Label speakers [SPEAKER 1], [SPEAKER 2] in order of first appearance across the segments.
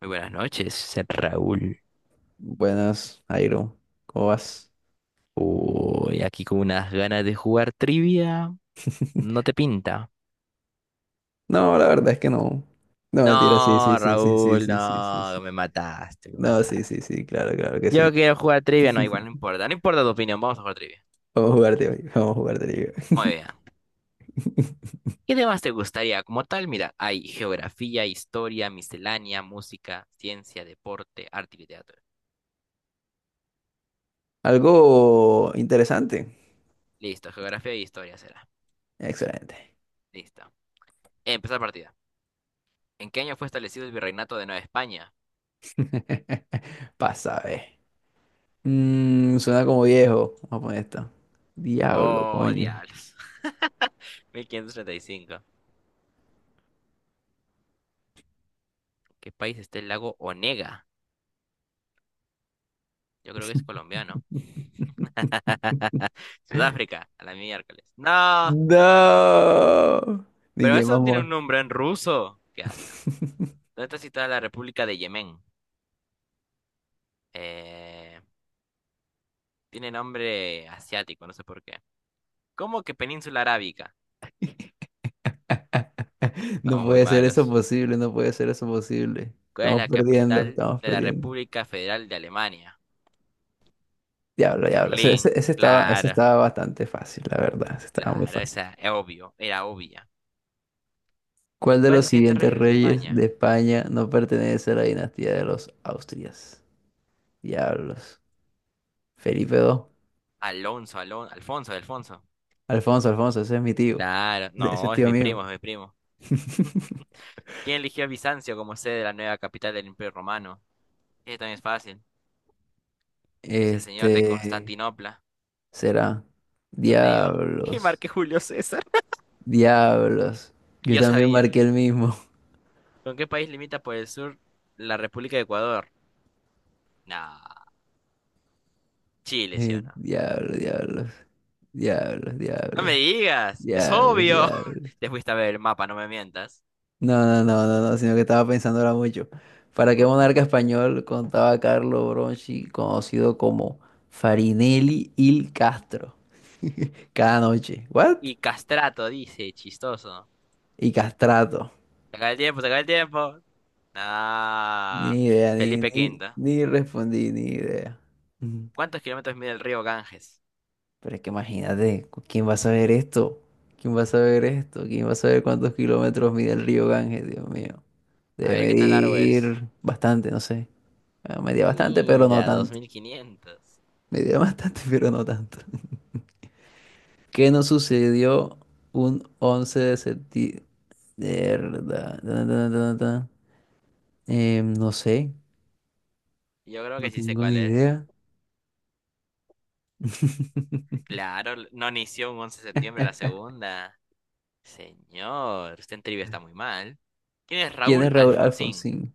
[SPEAKER 1] Muy buenas noches, ser Raúl.
[SPEAKER 2] Buenas, Airo. ¿Cómo vas?
[SPEAKER 1] Uy, aquí con unas ganas de jugar trivia. No te pinta.
[SPEAKER 2] No, la verdad es que no. No, mentira, sí, sí,
[SPEAKER 1] No,
[SPEAKER 2] sí, sí, sí,
[SPEAKER 1] Raúl,
[SPEAKER 2] sí, sí, sí,
[SPEAKER 1] no,
[SPEAKER 2] sí.
[SPEAKER 1] me mataste, me
[SPEAKER 2] No, sí,
[SPEAKER 1] mataste.
[SPEAKER 2] sí, sí, claro, claro que sí.
[SPEAKER 1] Yo quiero jugar trivia, no, igual no importa, no importa tu opinión, vamos a jugar trivia.
[SPEAKER 2] Vamos a jugar de hoy, vamos a jugar de liga.
[SPEAKER 1] Muy bien. ¿Qué temas te gustaría como tal? Mira, hay geografía, historia, miscelánea, música, ciencia, deporte, arte y literatura.
[SPEAKER 2] Algo interesante.
[SPEAKER 1] Listo, geografía y historia será.
[SPEAKER 2] Excelente.
[SPEAKER 1] Listo. Empezar partida. ¿En qué año fue establecido el virreinato de Nueva España?
[SPEAKER 2] Pasa, eh. Suena como viejo. Vamos a poner esta. Diablo,
[SPEAKER 1] Oh,
[SPEAKER 2] coño.
[SPEAKER 1] diablos. 1535. ¿Qué país está el lago Onega? Yo creo que es colombiano. Sudáfrica, a la miércoles. No,
[SPEAKER 2] No. Ni
[SPEAKER 1] pero
[SPEAKER 2] que
[SPEAKER 1] eso no tiene
[SPEAKER 2] vamos.
[SPEAKER 1] un nombre en ruso. Qué asco. ¿Dónde está situada la República de Yemen? Eh, tiene nombre asiático, no sé por qué. ¿Cómo que Península Arábica?
[SPEAKER 2] No
[SPEAKER 1] Estamos muy
[SPEAKER 2] puede ser eso
[SPEAKER 1] malos.
[SPEAKER 2] posible, no puede ser eso posible.
[SPEAKER 1] ¿Cuál es
[SPEAKER 2] Estamos
[SPEAKER 1] la
[SPEAKER 2] perdiendo,
[SPEAKER 1] capital
[SPEAKER 2] estamos
[SPEAKER 1] de la
[SPEAKER 2] perdiendo.
[SPEAKER 1] República Federal de Alemania?
[SPEAKER 2] Diablo, diablo. Ese,
[SPEAKER 1] Berlín.
[SPEAKER 2] ese- ese estaba, ese
[SPEAKER 1] Claro,
[SPEAKER 2] estaba bastante fácil, la verdad. Ese estaba muy
[SPEAKER 1] claro,
[SPEAKER 2] fácil.
[SPEAKER 1] esa es obvio, era obvia.
[SPEAKER 2] ¿Cuál de
[SPEAKER 1] ¿Cuál es
[SPEAKER 2] los
[SPEAKER 1] el siguiente
[SPEAKER 2] siguientes
[SPEAKER 1] rey de
[SPEAKER 2] reyes
[SPEAKER 1] España?
[SPEAKER 2] de España no pertenece a la dinastía de los Austrias? Diablos. Felipe II.
[SPEAKER 1] Alonso, Alonso, Alfonso, Alfonso.
[SPEAKER 2] Alfonso, Alfonso, ese es mi tío.
[SPEAKER 1] Claro,
[SPEAKER 2] Ese es
[SPEAKER 1] no, es
[SPEAKER 2] tío
[SPEAKER 1] mi
[SPEAKER 2] mío.
[SPEAKER 1] primo, es mi primo. ¿Quién eligió a Bizancio como sede de la nueva capital del Imperio Romano? Este también es fácil. Es el señor de
[SPEAKER 2] Este
[SPEAKER 1] Constantinopla.
[SPEAKER 2] será.
[SPEAKER 1] ¿No te digo? Y
[SPEAKER 2] Diablos,
[SPEAKER 1] marqué Julio César.
[SPEAKER 2] diablos. Yo
[SPEAKER 1] Yo
[SPEAKER 2] también
[SPEAKER 1] sabía.
[SPEAKER 2] marqué el mismo.
[SPEAKER 1] ¿Con qué país limita por el sur la República de Ecuador? Nah, Chile, ¿sí o no?
[SPEAKER 2] Diablo, diablo, diablo,
[SPEAKER 1] No
[SPEAKER 2] diablo,
[SPEAKER 1] me digas, es
[SPEAKER 2] diablo,
[SPEAKER 1] obvio.
[SPEAKER 2] diablo.
[SPEAKER 1] Te fuiste a ver el mapa, no me mientas.
[SPEAKER 2] No, no, no, no, no, sino que estaba pensando ahora mucho. ¿Para qué monarca español contaba Carlo Bronchi, conocido como Farinelli il Castro? Cada noche. ¿What?
[SPEAKER 1] Y Castrato dice, chistoso.
[SPEAKER 2] Y castrato.
[SPEAKER 1] Se acaba el tiempo, se acaba el tiempo. Nah,
[SPEAKER 2] Ni idea, ni,
[SPEAKER 1] Felipe
[SPEAKER 2] ni,
[SPEAKER 1] Quinto.
[SPEAKER 2] ni respondí, ni idea.
[SPEAKER 1] ¿Cuántos kilómetros mide el río Ganges?
[SPEAKER 2] Pero es que imagínate, ¿quién va a saber esto? ¿Quién va a saber esto? ¿Quién va a saber cuántos kilómetros mide el río Ganges? Dios mío.
[SPEAKER 1] A
[SPEAKER 2] Debe
[SPEAKER 1] ver qué tan largo es.
[SPEAKER 2] medir bastante, no sé. Bueno, medía bastante, pero no
[SPEAKER 1] Mira, dos
[SPEAKER 2] tanto.
[SPEAKER 1] mil quinientos.
[SPEAKER 2] Medía bastante, pero no tanto. ¿Qué nos sucedió un 11 de septiembre? No sé,
[SPEAKER 1] Yo creo
[SPEAKER 2] no
[SPEAKER 1] que sí sé
[SPEAKER 2] tengo ni
[SPEAKER 1] cuál es.
[SPEAKER 2] idea.
[SPEAKER 1] Claro, no inició un 11 de septiembre la segunda. Señor, usted en trivia está muy mal. ¿Quién es
[SPEAKER 2] ¿Quién
[SPEAKER 1] Raúl
[SPEAKER 2] es Raúl
[SPEAKER 1] Alfonsín?
[SPEAKER 2] Alfonsín?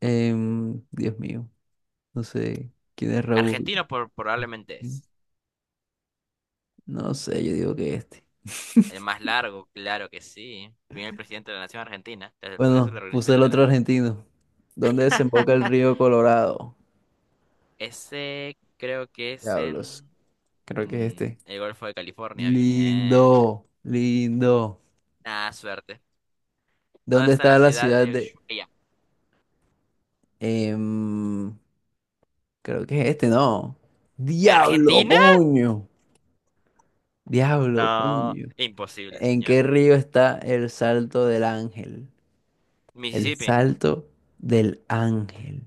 [SPEAKER 2] Dios mío, no sé. ¿Quién es Raúl?
[SPEAKER 1] Argentino por, probablemente es.
[SPEAKER 2] No sé, yo digo que este.
[SPEAKER 1] El más largo, claro que sí. Primer presidente de la Nación Argentina desde el proceso de
[SPEAKER 2] Bueno,
[SPEAKER 1] la
[SPEAKER 2] puse
[SPEAKER 1] Organización
[SPEAKER 2] el otro
[SPEAKER 1] Nacional.
[SPEAKER 2] argentino. ¿Dónde desemboca el río Colorado?
[SPEAKER 1] Ese creo que es
[SPEAKER 2] Diablos.
[SPEAKER 1] en
[SPEAKER 2] Creo que es este.
[SPEAKER 1] el Golfo de California. Bien.
[SPEAKER 2] Lindo, lindo.
[SPEAKER 1] Nada, suerte. ¿Dónde
[SPEAKER 2] ¿Dónde
[SPEAKER 1] está la
[SPEAKER 2] está la
[SPEAKER 1] ciudad
[SPEAKER 2] ciudad
[SPEAKER 1] de
[SPEAKER 2] de...
[SPEAKER 1] Ushuaia?
[SPEAKER 2] em, creo que es este, no. Diablo,
[SPEAKER 1] ¿Argentina?
[SPEAKER 2] coño. Diablo,
[SPEAKER 1] No,
[SPEAKER 2] coño.
[SPEAKER 1] imposible,
[SPEAKER 2] ¿En
[SPEAKER 1] señor.
[SPEAKER 2] qué río está el Salto del Ángel? El
[SPEAKER 1] Mississippi,
[SPEAKER 2] Salto del Ángel.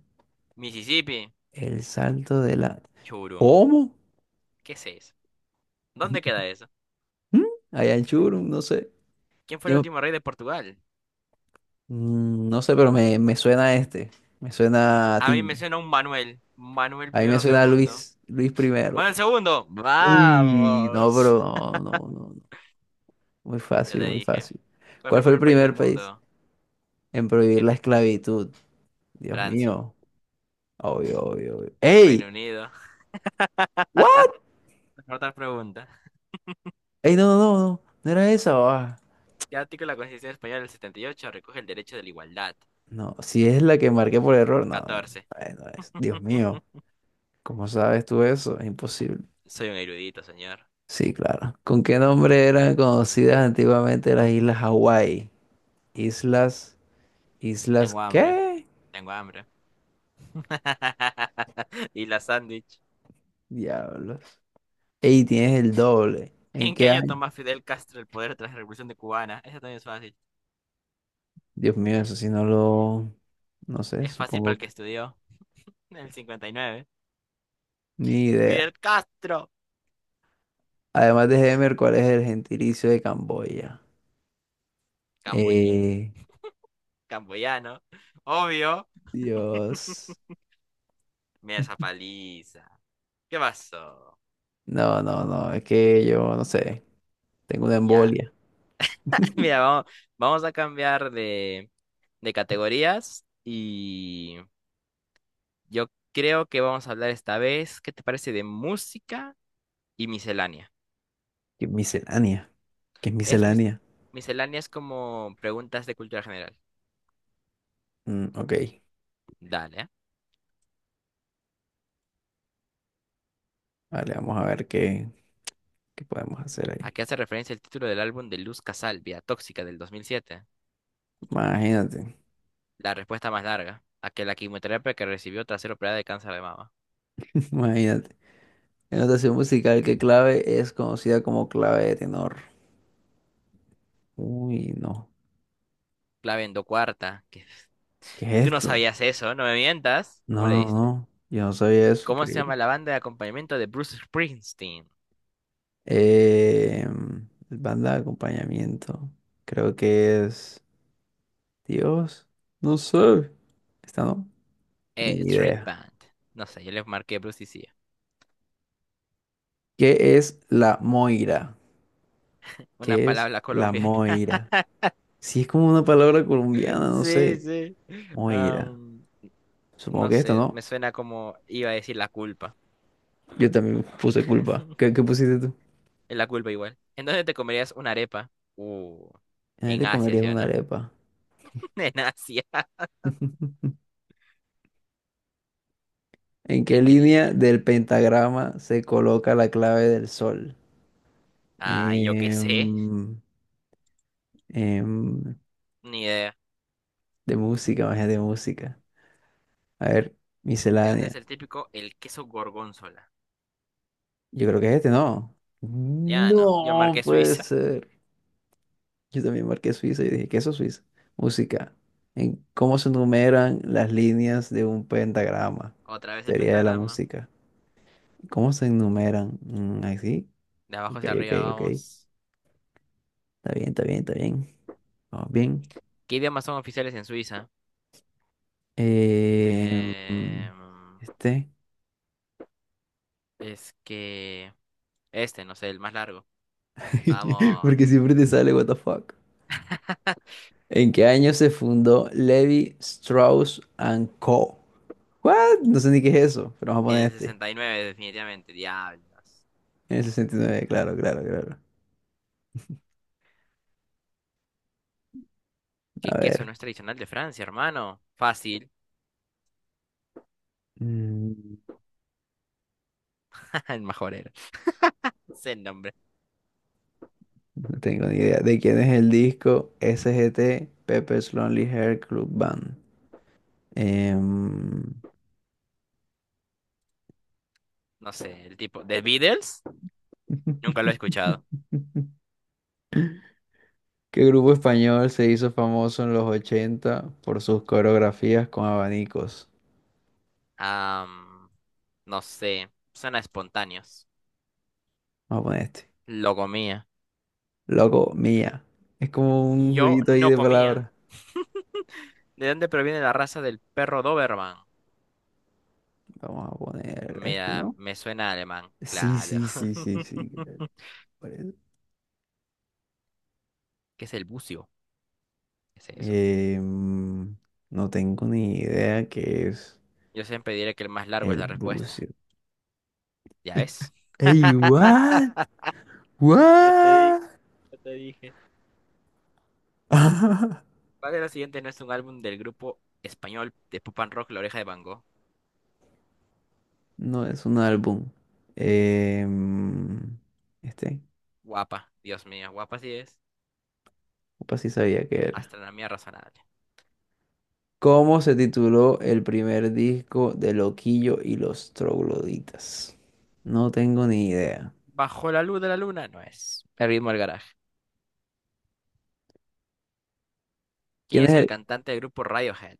[SPEAKER 1] Mississippi,
[SPEAKER 2] El Salto del Ángel.
[SPEAKER 1] Churum.
[SPEAKER 2] ¿Cómo?
[SPEAKER 1] ¿Qué es eso? ¿Dónde queda eso?
[SPEAKER 2] ¿Mm? Allá en Churum, no sé.
[SPEAKER 1] ¿Quién fue el
[SPEAKER 2] Yo
[SPEAKER 1] último rey de Portugal?
[SPEAKER 2] no sé, pero me suena a este. Me suena a
[SPEAKER 1] A mí
[SPEAKER 2] Tim.
[SPEAKER 1] me suena un Manuel. Manuel
[SPEAKER 2] A mí me
[SPEAKER 1] primero,
[SPEAKER 2] suena a
[SPEAKER 1] segundo.
[SPEAKER 2] Luis, Luis primero.
[SPEAKER 1] Manuel segundo.
[SPEAKER 2] Uy, no,
[SPEAKER 1] Vamos.
[SPEAKER 2] pero no, no, no. No. Muy
[SPEAKER 1] Ya te
[SPEAKER 2] fácil, muy
[SPEAKER 1] dije.
[SPEAKER 2] fácil.
[SPEAKER 1] ¿Cuál fue
[SPEAKER 2] ¿Cuál
[SPEAKER 1] el
[SPEAKER 2] fue el
[SPEAKER 1] primer país del
[SPEAKER 2] primer país
[SPEAKER 1] mundo?
[SPEAKER 2] en prohibir
[SPEAKER 1] Em,
[SPEAKER 2] la esclavitud? Dios
[SPEAKER 1] Francia,
[SPEAKER 2] mío. Obvio, obvio, obvio. ¡Ey!
[SPEAKER 1] Reino Unido.
[SPEAKER 2] ¿What?
[SPEAKER 1] Otra pregunta.
[SPEAKER 2] ¡Ey, no, no, no! No, ¿no era esa? Ah.
[SPEAKER 1] ¿Qué artículo de la Constitución Española del 78 recoge el derecho de la igualdad?
[SPEAKER 2] No, si es la que marqué por error, no, no, no,
[SPEAKER 1] 14.
[SPEAKER 2] no es. Dios mío. ¿Cómo sabes tú eso? Es imposible.
[SPEAKER 1] Soy un erudito, señor.
[SPEAKER 2] Sí, claro. ¿Con qué nombre eran conocidas antiguamente las Islas Hawái? Islas, Islas,
[SPEAKER 1] Tengo hambre,
[SPEAKER 2] ¿qué?
[SPEAKER 1] tengo hambre. Y la sándwich.
[SPEAKER 2] Diablos. Ey,
[SPEAKER 1] ¿En,
[SPEAKER 2] tienes el doble. ¿En
[SPEAKER 1] en qué
[SPEAKER 2] qué
[SPEAKER 1] año
[SPEAKER 2] año?
[SPEAKER 1] toma Fidel Castro el poder tras la Revolución de Cubana? Eso también es fácil.
[SPEAKER 2] Dios mío, eso sí no lo, no sé,
[SPEAKER 1] Es fácil para
[SPEAKER 2] supongo
[SPEAKER 1] el que
[SPEAKER 2] que
[SPEAKER 1] estudió. En el 59.
[SPEAKER 2] ni idea.
[SPEAKER 1] Fidel Castro.
[SPEAKER 2] Además de Hemer, ¿cuál es el gentilicio de Camboya?
[SPEAKER 1] Camboyín.
[SPEAKER 2] Eh,
[SPEAKER 1] Camboyano. Obvio.
[SPEAKER 2] Dios.
[SPEAKER 1] Mira esa paliza. ¿Qué pasó?
[SPEAKER 2] No, no, no, es que yo no sé, tengo una
[SPEAKER 1] Ya.
[SPEAKER 2] embolia.
[SPEAKER 1] Mira, vamos, vamos a cambiar de categorías. Y yo creo que vamos a hablar esta vez, ¿qué te parece de música y miscelánea?
[SPEAKER 2] ¿Qué es miscelánea? ¿Qué es
[SPEAKER 1] Es
[SPEAKER 2] miscelánea?
[SPEAKER 1] misceláneas como preguntas de cultura general.
[SPEAKER 2] Mm, ok,
[SPEAKER 1] Dale. ¿Eh?
[SPEAKER 2] vale, vamos a ver qué. ¿Qué podemos hacer
[SPEAKER 1] ¿A
[SPEAKER 2] ahí?
[SPEAKER 1] qué hace referencia el título del álbum de Luz Casal, Vía Tóxica, del 2007?
[SPEAKER 2] Imagínate,
[SPEAKER 1] La respuesta más larga. A que la quimioterapia que recibió tras ser operada de cáncer de mama.
[SPEAKER 2] imagínate. En notación musical, ¿qué clave es conocida como clave de tenor? Uy, no.
[SPEAKER 1] Clave endocuarta. Que...
[SPEAKER 2] ¿Qué es
[SPEAKER 1] Tú no
[SPEAKER 2] esto?
[SPEAKER 1] sabías eso, no me mientas. ¿Cómo
[SPEAKER 2] No,
[SPEAKER 1] le
[SPEAKER 2] no,
[SPEAKER 1] diste?
[SPEAKER 2] no. Yo no sabía eso,
[SPEAKER 1] ¿Cómo se
[SPEAKER 2] increíble.
[SPEAKER 1] llama la banda de acompañamiento de Bruce Springsteen?
[SPEAKER 2] Eh, banda de acompañamiento. Creo que es... Dios, no sé. ¿Esta no? Ni
[SPEAKER 1] Street
[SPEAKER 2] idea.
[SPEAKER 1] Band. No sé, yo le marqué Bruce y sí.
[SPEAKER 2] ¿Qué es la moira?
[SPEAKER 1] Una
[SPEAKER 2] ¿Qué es
[SPEAKER 1] palabra
[SPEAKER 2] la
[SPEAKER 1] colombiana.
[SPEAKER 2] moira? Si es como una palabra colombiana, no
[SPEAKER 1] Sí,
[SPEAKER 2] sé.
[SPEAKER 1] sí.
[SPEAKER 2] Moira. Supongo
[SPEAKER 1] No
[SPEAKER 2] que esto,
[SPEAKER 1] sé,
[SPEAKER 2] ¿no?
[SPEAKER 1] me suena como iba a decir la culpa.
[SPEAKER 2] Yo también puse culpa. ¿Qué, qué pusiste tú?
[SPEAKER 1] Es la culpa igual. Entonces te comerías una arepa. Uh,
[SPEAKER 2] Ahí
[SPEAKER 1] en
[SPEAKER 2] te
[SPEAKER 1] Asia,
[SPEAKER 2] comerías
[SPEAKER 1] ¿sí o
[SPEAKER 2] una
[SPEAKER 1] no?
[SPEAKER 2] arepa.
[SPEAKER 1] En Asia.
[SPEAKER 2] ¿En qué
[SPEAKER 1] ¿En qué
[SPEAKER 2] línea
[SPEAKER 1] línea?
[SPEAKER 2] del pentagrama se coloca la clave del sol?
[SPEAKER 1] Ah, yo qué sé.
[SPEAKER 2] Em, em,
[SPEAKER 1] Ni idea.
[SPEAKER 2] de música, magia de música. A ver,
[SPEAKER 1] ¿De dónde es
[SPEAKER 2] miscelánea.
[SPEAKER 1] el típico? El queso gorgonzola.
[SPEAKER 2] Yo creo que es este, ¿no?
[SPEAKER 1] Ya, ¿no? Yo
[SPEAKER 2] No
[SPEAKER 1] marqué
[SPEAKER 2] puede
[SPEAKER 1] Suiza.
[SPEAKER 2] ser. Yo también marqué Suiza y dije, ¿qué es eso, Suiza? Música. ¿En cómo se enumeran las líneas de un pentagrama?
[SPEAKER 1] Otra vez el
[SPEAKER 2] Teoría de la
[SPEAKER 1] pentagrama.
[SPEAKER 2] música. ¿Cómo se enumeran? Mm, ¿así?
[SPEAKER 1] De abajo
[SPEAKER 2] Ok,
[SPEAKER 1] hacia
[SPEAKER 2] ok,
[SPEAKER 1] arriba,
[SPEAKER 2] ok.
[SPEAKER 1] vamos.
[SPEAKER 2] Está bien, está bien, está bien. Vamos bien.
[SPEAKER 1] ¿Qué idiomas son oficiales en Suiza?
[SPEAKER 2] Eh,
[SPEAKER 1] Eh,
[SPEAKER 2] mm, este.
[SPEAKER 1] es que... Este, no sé, el más largo.
[SPEAKER 2] Porque
[SPEAKER 1] Vamos.
[SPEAKER 2] siempre te sale, what the fuck. ¿En qué año se fundó Levi Strauss and Co? What? No sé ni qué es eso, pero vamos a
[SPEAKER 1] En
[SPEAKER 2] poner
[SPEAKER 1] el
[SPEAKER 2] este.
[SPEAKER 1] 69, definitivamente. Diablos.
[SPEAKER 2] En el 69, claro, claro, claro.
[SPEAKER 1] Que
[SPEAKER 2] A
[SPEAKER 1] queso
[SPEAKER 2] ver.
[SPEAKER 1] no es tradicional de Francia, hermano. Fácil.
[SPEAKER 2] Mm,
[SPEAKER 1] El mejor era. Sé el nombre.
[SPEAKER 2] no tengo ni idea. ¿De quién es el disco Sgt. Pepper's Lonely Heart Club Band? Em,
[SPEAKER 1] No sé, el tipo. ¿The Beatles? Nunca lo he escuchado.
[SPEAKER 2] ¿Qué grupo español se hizo famoso en los 80 por sus coreografías con abanicos?
[SPEAKER 1] Am, no sé. Suena espontáneos.
[SPEAKER 2] Vamos a poner este.
[SPEAKER 1] Lo comía.
[SPEAKER 2] Loco, mía. Es como un
[SPEAKER 1] Yo
[SPEAKER 2] jueguito ahí
[SPEAKER 1] no
[SPEAKER 2] de
[SPEAKER 1] comía.
[SPEAKER 2] palabras.
[SPEAKER 1] ¿De dónde proviene la raza del perro Doberman?
[SPEAKER 2] Vamos a poner este,
[SPEAKER 1] Mira,
[SPEAKER 2] ¿no?
[SPEAKER 1] me suena a alemán.
[SPEAKER 2] Sí,
[SPEAKER 1] Claro.
[SPEAKER 2] sí, sí, sí, sí. ¿Qué tal parece?
[SPEAKER 1] ¿Qué es el bucio? ¿Qué es eso?
[SPEAKER 2] Eh, mm, no tengo ni idea qué es
[SPEAKER 1] Yo siempre diré que el más largo es
[SPEAKER 2] el
[SPEAKER 1] la respuesta.
[SPEAKER 2] bucio.
[SPEAKER 1] ¿Ya ves?
[SPEAKER 2] Ey, what?
[SPEAKER 1] Ya te di,
[SPEAKER 2] What?
[SPEAKER 1] ya te dije. ¿Cuál de los siguientes no es un álbum del grupo español de pop and rock La Oreja de Van Gogh?
[SPEAKER 2] No es un álbum. Eh, mm, este,
[SPEAKER 1] Guapa, Dios mío, guapa sí es.
[SPEAKER 2] opa, sí sabía que era.
[SPEAKER 1] Astronomía razonable.
[SPEAKER 2] ¿Cómo se tituló el primer disco de Loquillo y los Trogloditas? No tengo ni idea.
[SPEAKER 1] Bajo la luz de la luna no es. El ritmo del garaje. ¿Quién
[SPEAKER 2] ¿Quién
[SPEAKER 1] es
[SPEAKER 2] es
[SPEAKER 1] el
[SPEAKER 2] el...?
[SPEAKER 1] cantante del grupo Radiohead?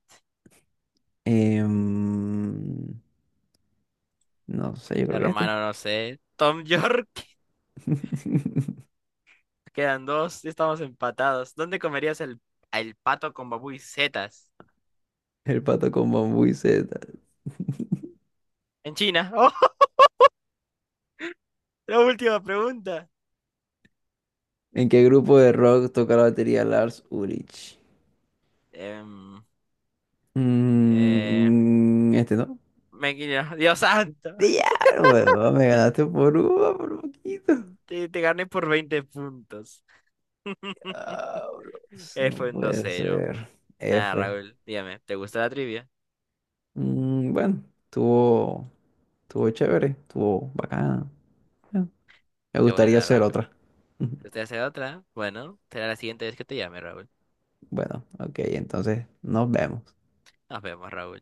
[SPEAKER 2] Em, no sé, yo creo que este.
[SPEAKER 1] Hermano, no sé. Tom York. Quedan dos, ya estamos empatados. ¿Dónde comerías el pato con babú y setas?
[SPEAKER 2] El pato con bambú y setas.
[SPEAKER 1] En China. ¡Oh! La última pregunta.
[SPEAKER 2] ¿En qué grupo de rock toca la batería Lars Ulrich?
[SPEAKER 1] Em, eh,
[SPEAKER 2] Este no.
[SPEAKER 1] me guiño. Dios santo.
[SPEAKER 2] Diablo, huevón, me ganaste por uno, por poquito.
[SPEAKER 1] Te gané por 20 puntos.
[SPEAKER 2] Diablos, no
[SPEAKER 1] Fue un
[SPEAKER 2] puede
[SPEAKER 1] 2-0.
[SPEAKER 2] ser.
[SPEAKER 1] Nada,
[SPEAKER 2] F.
[SPEAKER 1] Raúl, dígame, ¿te gusta la trivia?
[SPEAKER 2] Mm, bueno, estuvo chévere, estuvo bacana. Bueno, me
[SPEAKER 1] Qué
[SPEAKER 2] gustaría
[SPEAKER 1] bueno,
[SPEAKER 2] hacer
[SPEAKER 1] Raúl.
[SPEAKER 2] otra.
[SPEAKER 1] ¿Usted hace otra? Bueno, será la siguiente vez que te llame, Raúl.
[SPEAKER 2] Bueno, ok, entonces nos vemos.
[SPEAKER 1] Nos vemos, Raúl.